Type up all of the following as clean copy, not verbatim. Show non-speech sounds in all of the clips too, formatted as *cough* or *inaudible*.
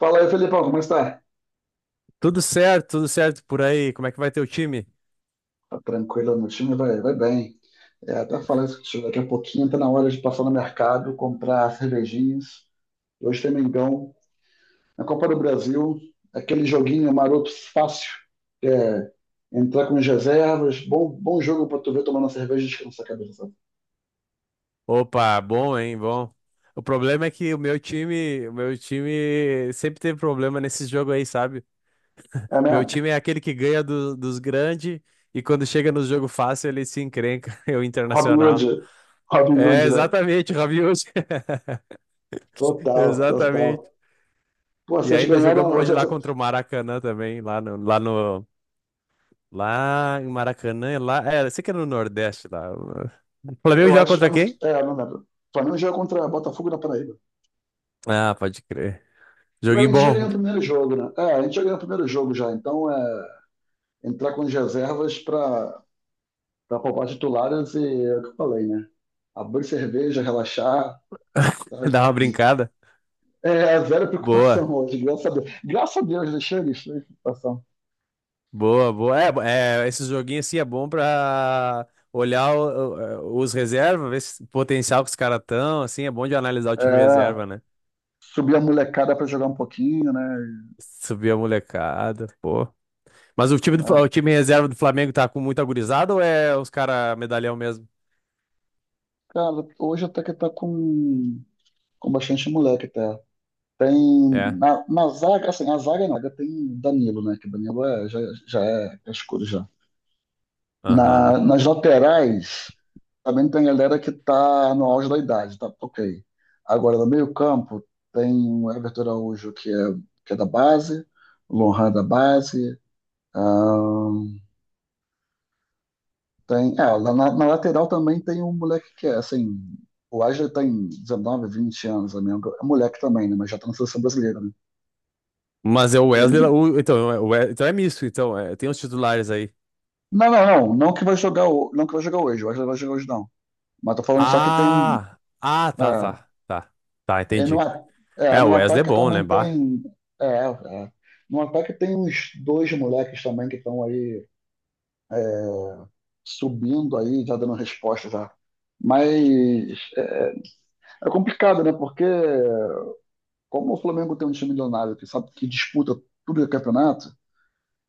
Fala aí, Felipão, como está? Tudo certo por aí. Como é que vai teu time? Tá tranquilo no time? Vai bem. Até falar isso contigo daqui a pouquinho, tá na hora de passar no mercado, comprar cervejinhas. Hoje tem Mengão. Na Copa do Brasil, aquele joguinho maroto fácil. Entrar com as reservas, bom jogo pra tu ver tomando uma cerveja e descansar a cabeça, sabe? Opa, bom, hein, bom. O problema é que o meu time sempre teve problema nesse jogo aí, sabe? É Meu mesmo? time é aquele que ganha dos grandes e quando chega no jogo fácil ele se encrenca, *laughs* é o Robin Internacional. Hood. Robin É, Hood, né? exatamente, o Rabiot. *laughs* Total, Exatamente. total. Pô, E vocês ainda jogamos ganharam. hoje lá contra o Maracanã também, lá no, lá no, lá em Maracanã, lá, é, eu sei que é no Nordeste lá. O Flamengo Eu joga acho. contra Eu não, quem? Não lembro. O Flamengo joga contra Botafogo na Paraíba. Ah, pode crer. Mas a Joguinho gente já bom, ganhou o primeiro jogo, né? É, a gente já ganhou o primeiro jogo já. Então é entrar com as reservas para poupar titulares e é o que eu falei, né? Abrir cerveja, relaxar, *laughs* sabe? dá uma brincada. É é zero Boa, preocupação hoje, graças a Deus. Graças a Deus, deixei eles sem preocupação. boa, boa. Esse joguinho assim é bom pra olhar os reservas, ver se- o potencial que os caras estão, assim, é bom de analisar o time É, reserva, né? subir a molecada para jogar um pouquinho, né? Subir a molecada, pô. Mas o time do, Né? O time reserva do Flamengo tá com muita gurizada ou é os caras medalhão mesmo? Cara, hoje até que tá com bastante moleque até. Tem É, na zaga, assim, a zaga não, tem Danilo, né? Que Danilo é, já, já é escuro já. Aham. Nas laterais também tem galera que está no auge da idade, tá ok. Agora, no meio-campo, tem o Everton Araújo, que é da base, o Lohan é da base. ahn, Tem, na, na lateral também tem um moleque que é assim. O Wesley tem 19, 20 anos, amigo. É moleque também, né? Mas já está na seleção brasileira, né? Mas é o Wesley, Ele- então, é o então é misto, então, é, tem os titulares aí. Não, não, não. Não que vai jogar, não que vai jogar hoje. O Wesley vai jogar hoje, não. Mas tô falando só que tem. Ah, ah, tá, É, tá, tá, tá, e entendi. É, É, o no Wesley é ataque bom, né, também bah? tem. É, é. No ataque tem uns dois moleques também que estão aí, é, subindo aí, já dando resposta já. Mas é, é complicado, né? Porque como o Flamengo tem um time milionário que sabe que disputa tudo o campeonato,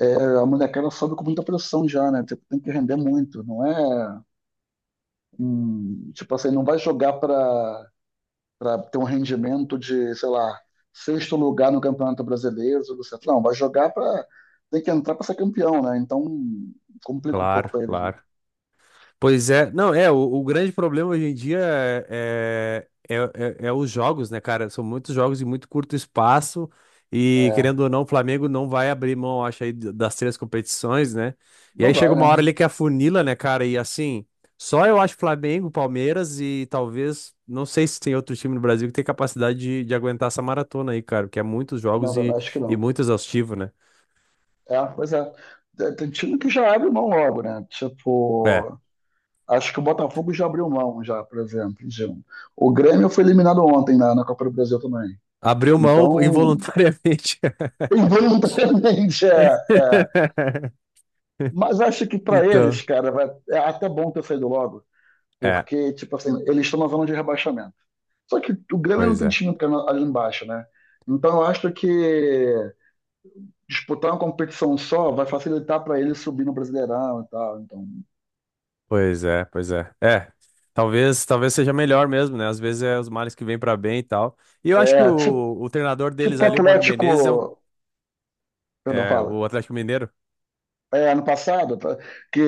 é, a molecada sobe com muita pressão já, né? Tipo, tem que render muito, não é? Tipo assim, não vai jogar para ter um rendimento de, sei lá, sexto lugar no Campeonato Brasileiro, tudo certo. Não, vai jogar para. Tem que entrar para ser campeão, né? Então complica um pouco Claro, para eles, né? claro. Pois é, não, é, o grande problema hoje em dia é, é, é, é os jogos, né, cara? São muitos jogos em muito curto espaço e, É, querendo ou não, o Flamengo não vai abrir mão, acho, aí das três competições, né? E não aí vai, chega uma hora né? ali que afunila, né, cara? E assim, só eu acho Flamengo, Palmeiras e talvez, não sei se tem outro time no Brasil que tem capacidade de aguentar essa maratona aí, cara, porque é muitos Não, jogos também acho que e não. muito exaustivo, né? É, pois é. Tem time que já abre mão logo, né? É, Tipo, acho que o Botafogo já abriu mão, já, por exemplo, de um. O Grêmio foi eliminado ontem na Copa do Brasil também. abriu mão Então, involuntariamente. *laughs* involuntariamente, *laughs* é, é. *laughs* Mas acho que para eles, Então. cara, vai, é até bom ter saído logo. É, Porque, tipo assim, eles estão na zona de rebaixamento. Só que o Grêmio não pois tem é. time ali embaixo, né? Então eu acho que disputar uma competição só vai facilitar para ele subir no Brasileirão e tal. Então, Pois é, pois é. É. Talvez, talvez seja melhor mesmo, né? Às vezes é os males que vêm pra bem e tal. E eu acho que é, tipo, o treinador deles tipo o ali, o Mano Menezes, é, um, Atlético, perdão, é fala. o Atlético Mineiro. É, ano passado, tá? Que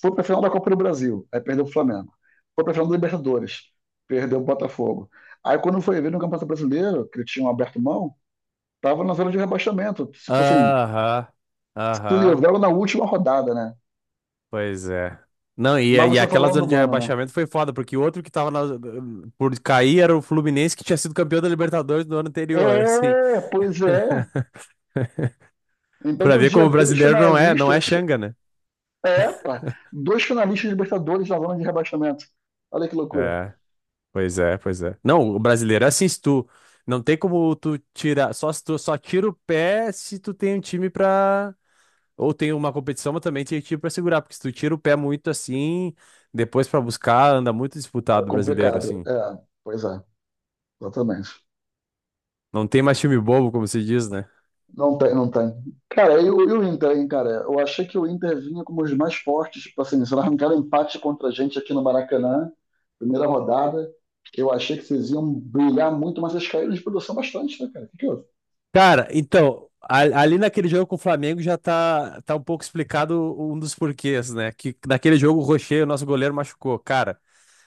foi pra final da Copa do Brasil, aí perdeu o Flamengo. Foi pra final da Libertadores, perdeu o Botafogo. Aí quando foi ver no Campeonato Brasileiro, que eles tinham aberto mão, tava na zona de rebaixamento. Tipo assim, Aham, se aham, livraram na última rodada, né? pois é. Não, Mas e você aquela falou do zona de Mano, né? rebaixamento foi foda, porque o outro que tava por cair era o Fluminense, que tinha sido campeão da Libertadores no ano anterior, assim. É, pois é. *laughs* Então, Pra todo ver como dia, o dois brasileiro não é, não é finalistas. Xanga, né? É, pá, dois finalistas de Libertadores na zona de rebaixamento. Olha que loucura. É, pois é, pois é. Não, o brasileiro é assim, se tu. Não tem como tu tirar. Só se tu só tira o pé se tu tem um time pra. Ou tem uma competição, mas também tem time pra segurar. Porque se tu tira o pé muito assim, depois pra buscar, anda muito É disputado o brasileiro, complicado. assim. É, pois é, exatamente. Não tem mais time bobo, como se diz, né? Não tem, não tem. Cara, e o Inter, hein, cara? Eu achei que o Inter vinha como os mais fortes, tipo assim, se não arrancaram empate contra a gente aqui no Maracanã, primeira rodada, eu achei que vocês iam brilhar muito, mas eles caíram de produção bastante, né, cara? O que que houve? Cara, então, ali naquele jogo com o Flamengo já tá, um pouco explicado um dos porquês, né? Que naquele jogo o Rocher, o nosso goleiro, machucou. Cara.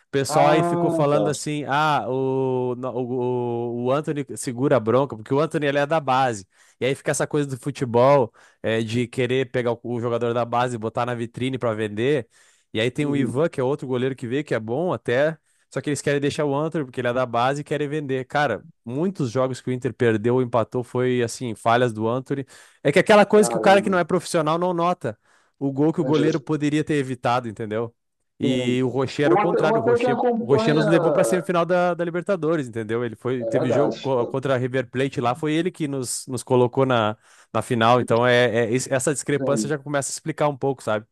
O pessoal aí ficou Ah, falando tá. assim: ah, o, o Anthony segura a bronca, porque o Anthony ele é da base. E aí fica essa coisa do futebol, é, de querer pegar o jogador da base e botar na vitrine pra vender. E aí tem o Uhum. Ivan, que é outro goleiro que veio, que é bom até. Só que eles querem deixar o Anthony, porque ele é da base e querem vender. Cara, muitos jogos que o Inter perdeu ou empatou foi assim, falhas do Anthony. É que aquela coisa que o cara que Caramba. não é profissional não nota o gol que o goleiro Entendi. poderia ter evitado, entendeu? E Sim. o Rocher era o Ou contrário, o até quem Rocher, o Rocher acompanha, nos levou para a semifinal da, da Libertadores, entendeu? Ele foi, é teve jogo verdade, contra a River Plate lá, foi ele que nos, nos colocou na, na final, então é, essa discrepância sim, já começa a explicar um pouco, sabe?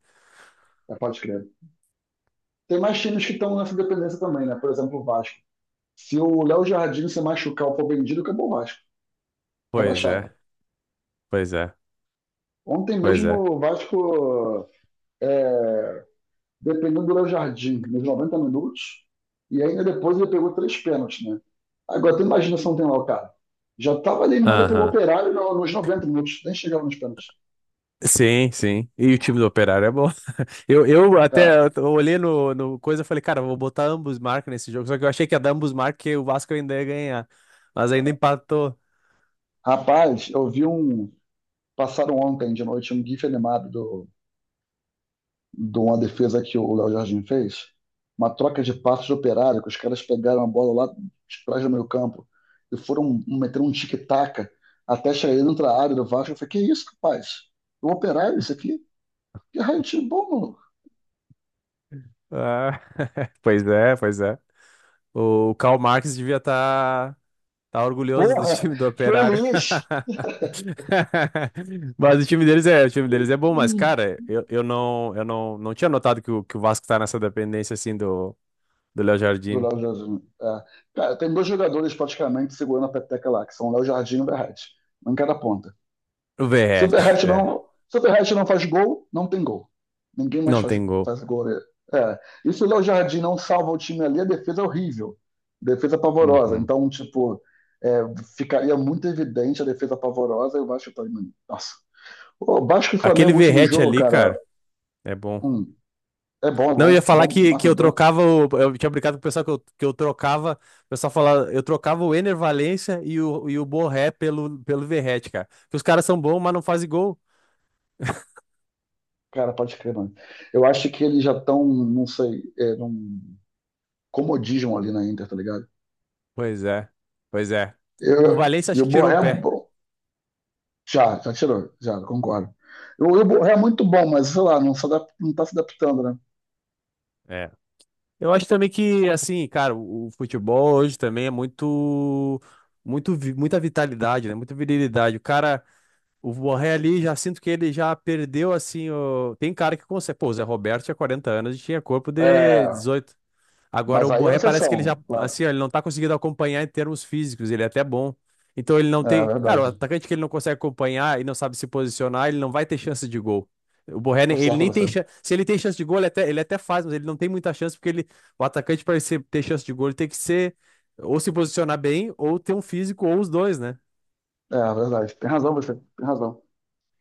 é, pode crer. Tem mais times que estão nessa dependência também, né? Por exemplo, o Vasco. Se o Léo Jardim se machucar ou for vendido, acabou o Vasco, Pois rebaixado. é, pois é, Ontem pois mesmo é. o Vasco, é, dependendo do Léo Jardim, nos 90 minutos, e ainda depois ele pegou três pênaltis, né? Agora, tu imagina se não tem lá o cara. Já estava eliminado pelo Aham. Operário nos 90 minutos, nem chegava nos pênaltis. Sim, sim. E o time do Operário é bom. *laughs* Eu até Cara, eu olhei no, no coisa e falei, cara, eu vou botar ambos marcas nesse jogo, só que eu achei que ia dar ambos marcas que o Vasco ainda ia ganhar, mas ainda empatou. rapaz, eu vi um, passaram ontem de noite um GIF animado do, de uma defesa que o Léo Jardim fez. Uma troca de passos de operário, que os caras pegaram a bola lá de trás do meio campo e foram meter um tic-tac até chegar dentro da área do Vasco. Eu falei, que isso, rapaz? O operário isso aqui? Que raio de bom, maluco. Ah, *laughs* pois é, pois é. O Karl Marx devia estar orgulhoso do Porra, time do Operário. feliz! *laughs* Mas o time deles é, o time deles é bom, mas cara, eu não, eu, não, não tinha notado que o Vasco tá nessa dependência assim do do Léo Do Jardim. Léo Jardim. É. Cara, tem dois jogadores praticamente segurando a peteca lá, que são o Léo Jardim e o Verratti. Um em cada ponta. O Verratti, é, Superhat não faz gol, não tem gol. Ninguém mais não tem gol. faz gol, né? É. E se o Léo Jardim não salva o time ali, a defesa é horrível. Defesa pavorosa. Uhum. Então, tipo, é, ficaria muito evidente a defesa pavorosa e o Vasco tá. Nossa. O Vasco e Aquele Flamengo, último Verratti jogo, ali, cara. cara, é bom. Hum, é bom, é Não, eu ia bom. falar Bom que eu matador. trocava o. Eu tinha brincado com o pessoal que eu trocava. O pessoal falava, eu trocava o Ener Valencia e o Borré pelo, pelo Verratti, cara. Porque os caras são bons, mas não fazem gol. Cara, pode crer, mano. Eu acho que eles já estão, não sei, é, num comodismo ali na Inter, tá ligado? Pois é, pois é. O Eu, Valencia e acho o que tirou o Borré, pé. já, já tirou, já, concordo. O Ibo é muito bom, mas sei lá, não, se adap- não tá se adaptando, né? É. Eu acho também que, assim, cara, o futebol hoje também é muito, muito, muita vitalidade, né? Muita virilidade. O cara, o Borré ali, já sinto que ele já perdeu, assim, o tem cara que consegue. Pô, o Zé Roberto tinha 40 anos e tinha corpo de É, 18. Agora mas o aí é uma Borré parece que ele exceção, já, claro. assim, ó, ele não tá conseguindo acompanhar em termos físicos, ele é até bom. Então ele não É tem, cara, o verdade. atacante que ele não consegue acompanhar e não sabe se posicionar, ele não vai ter chance de gol. O Borré, Tá ele certo nem você. tem chance, se ele tem chance de gol, ele até faz, mas ele não tem muita chance porque ele, o atacante para ter chance de gol, ele tem que ser ou se posicionar bem ou ter um físico ou os dois, né? É verdade. Tem razão você, tem razão.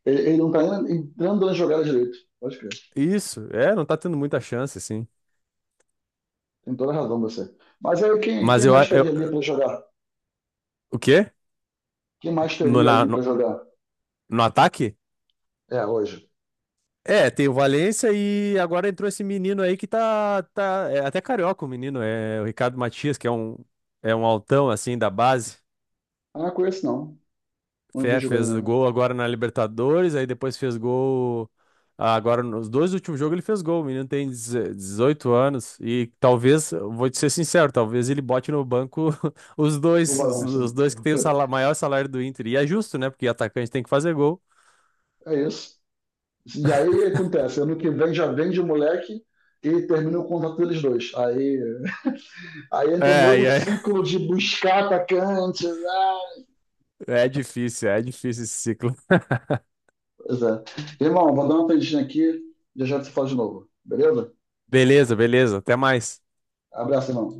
Ele não tá nem entrando na jogada direito. Pode crer. Isso, é, não tá tendo muita chance assim. Tem toda a razão você. Mas aí Mas quem eu, mais teria eu ali pra jogar? o quê? Quem mais No, teria ali pra no, jogar? no ataque? É, hoje. É, tem o Valência e agora entrou esse menino aí que tá, tá é até carioca o menino, é o Ricardo Matias, que é um altão assim da base. Ah, não conheço não. Não vi Fé, jogando fez ainda não. gol agora na Libertadores, aí depois fez gol. Ah, agora, nos dois últimos jogos ele fez gol. O menino tem 18 anos e talvez, vou te ser sincero, talvez ele bote no banco *laughs* O Valência. os dois que tem o *laughs* maior salário do Inter. E é justo, né? Porque atacante tem que fazer gol. É isso. E aí acontece, ano que vem já vende o moleque e termina o contrato deles dois. Aí, aí entra um É, novo e é, *laughs* ciclo de buscar atacantes. Ah. É difícil esse ciclo. Pois é. Irmão, vou dar uma tendinha aqui, já já te falo de novo, beleza? Beleza, beleza. Até mais. Abraço, irmão.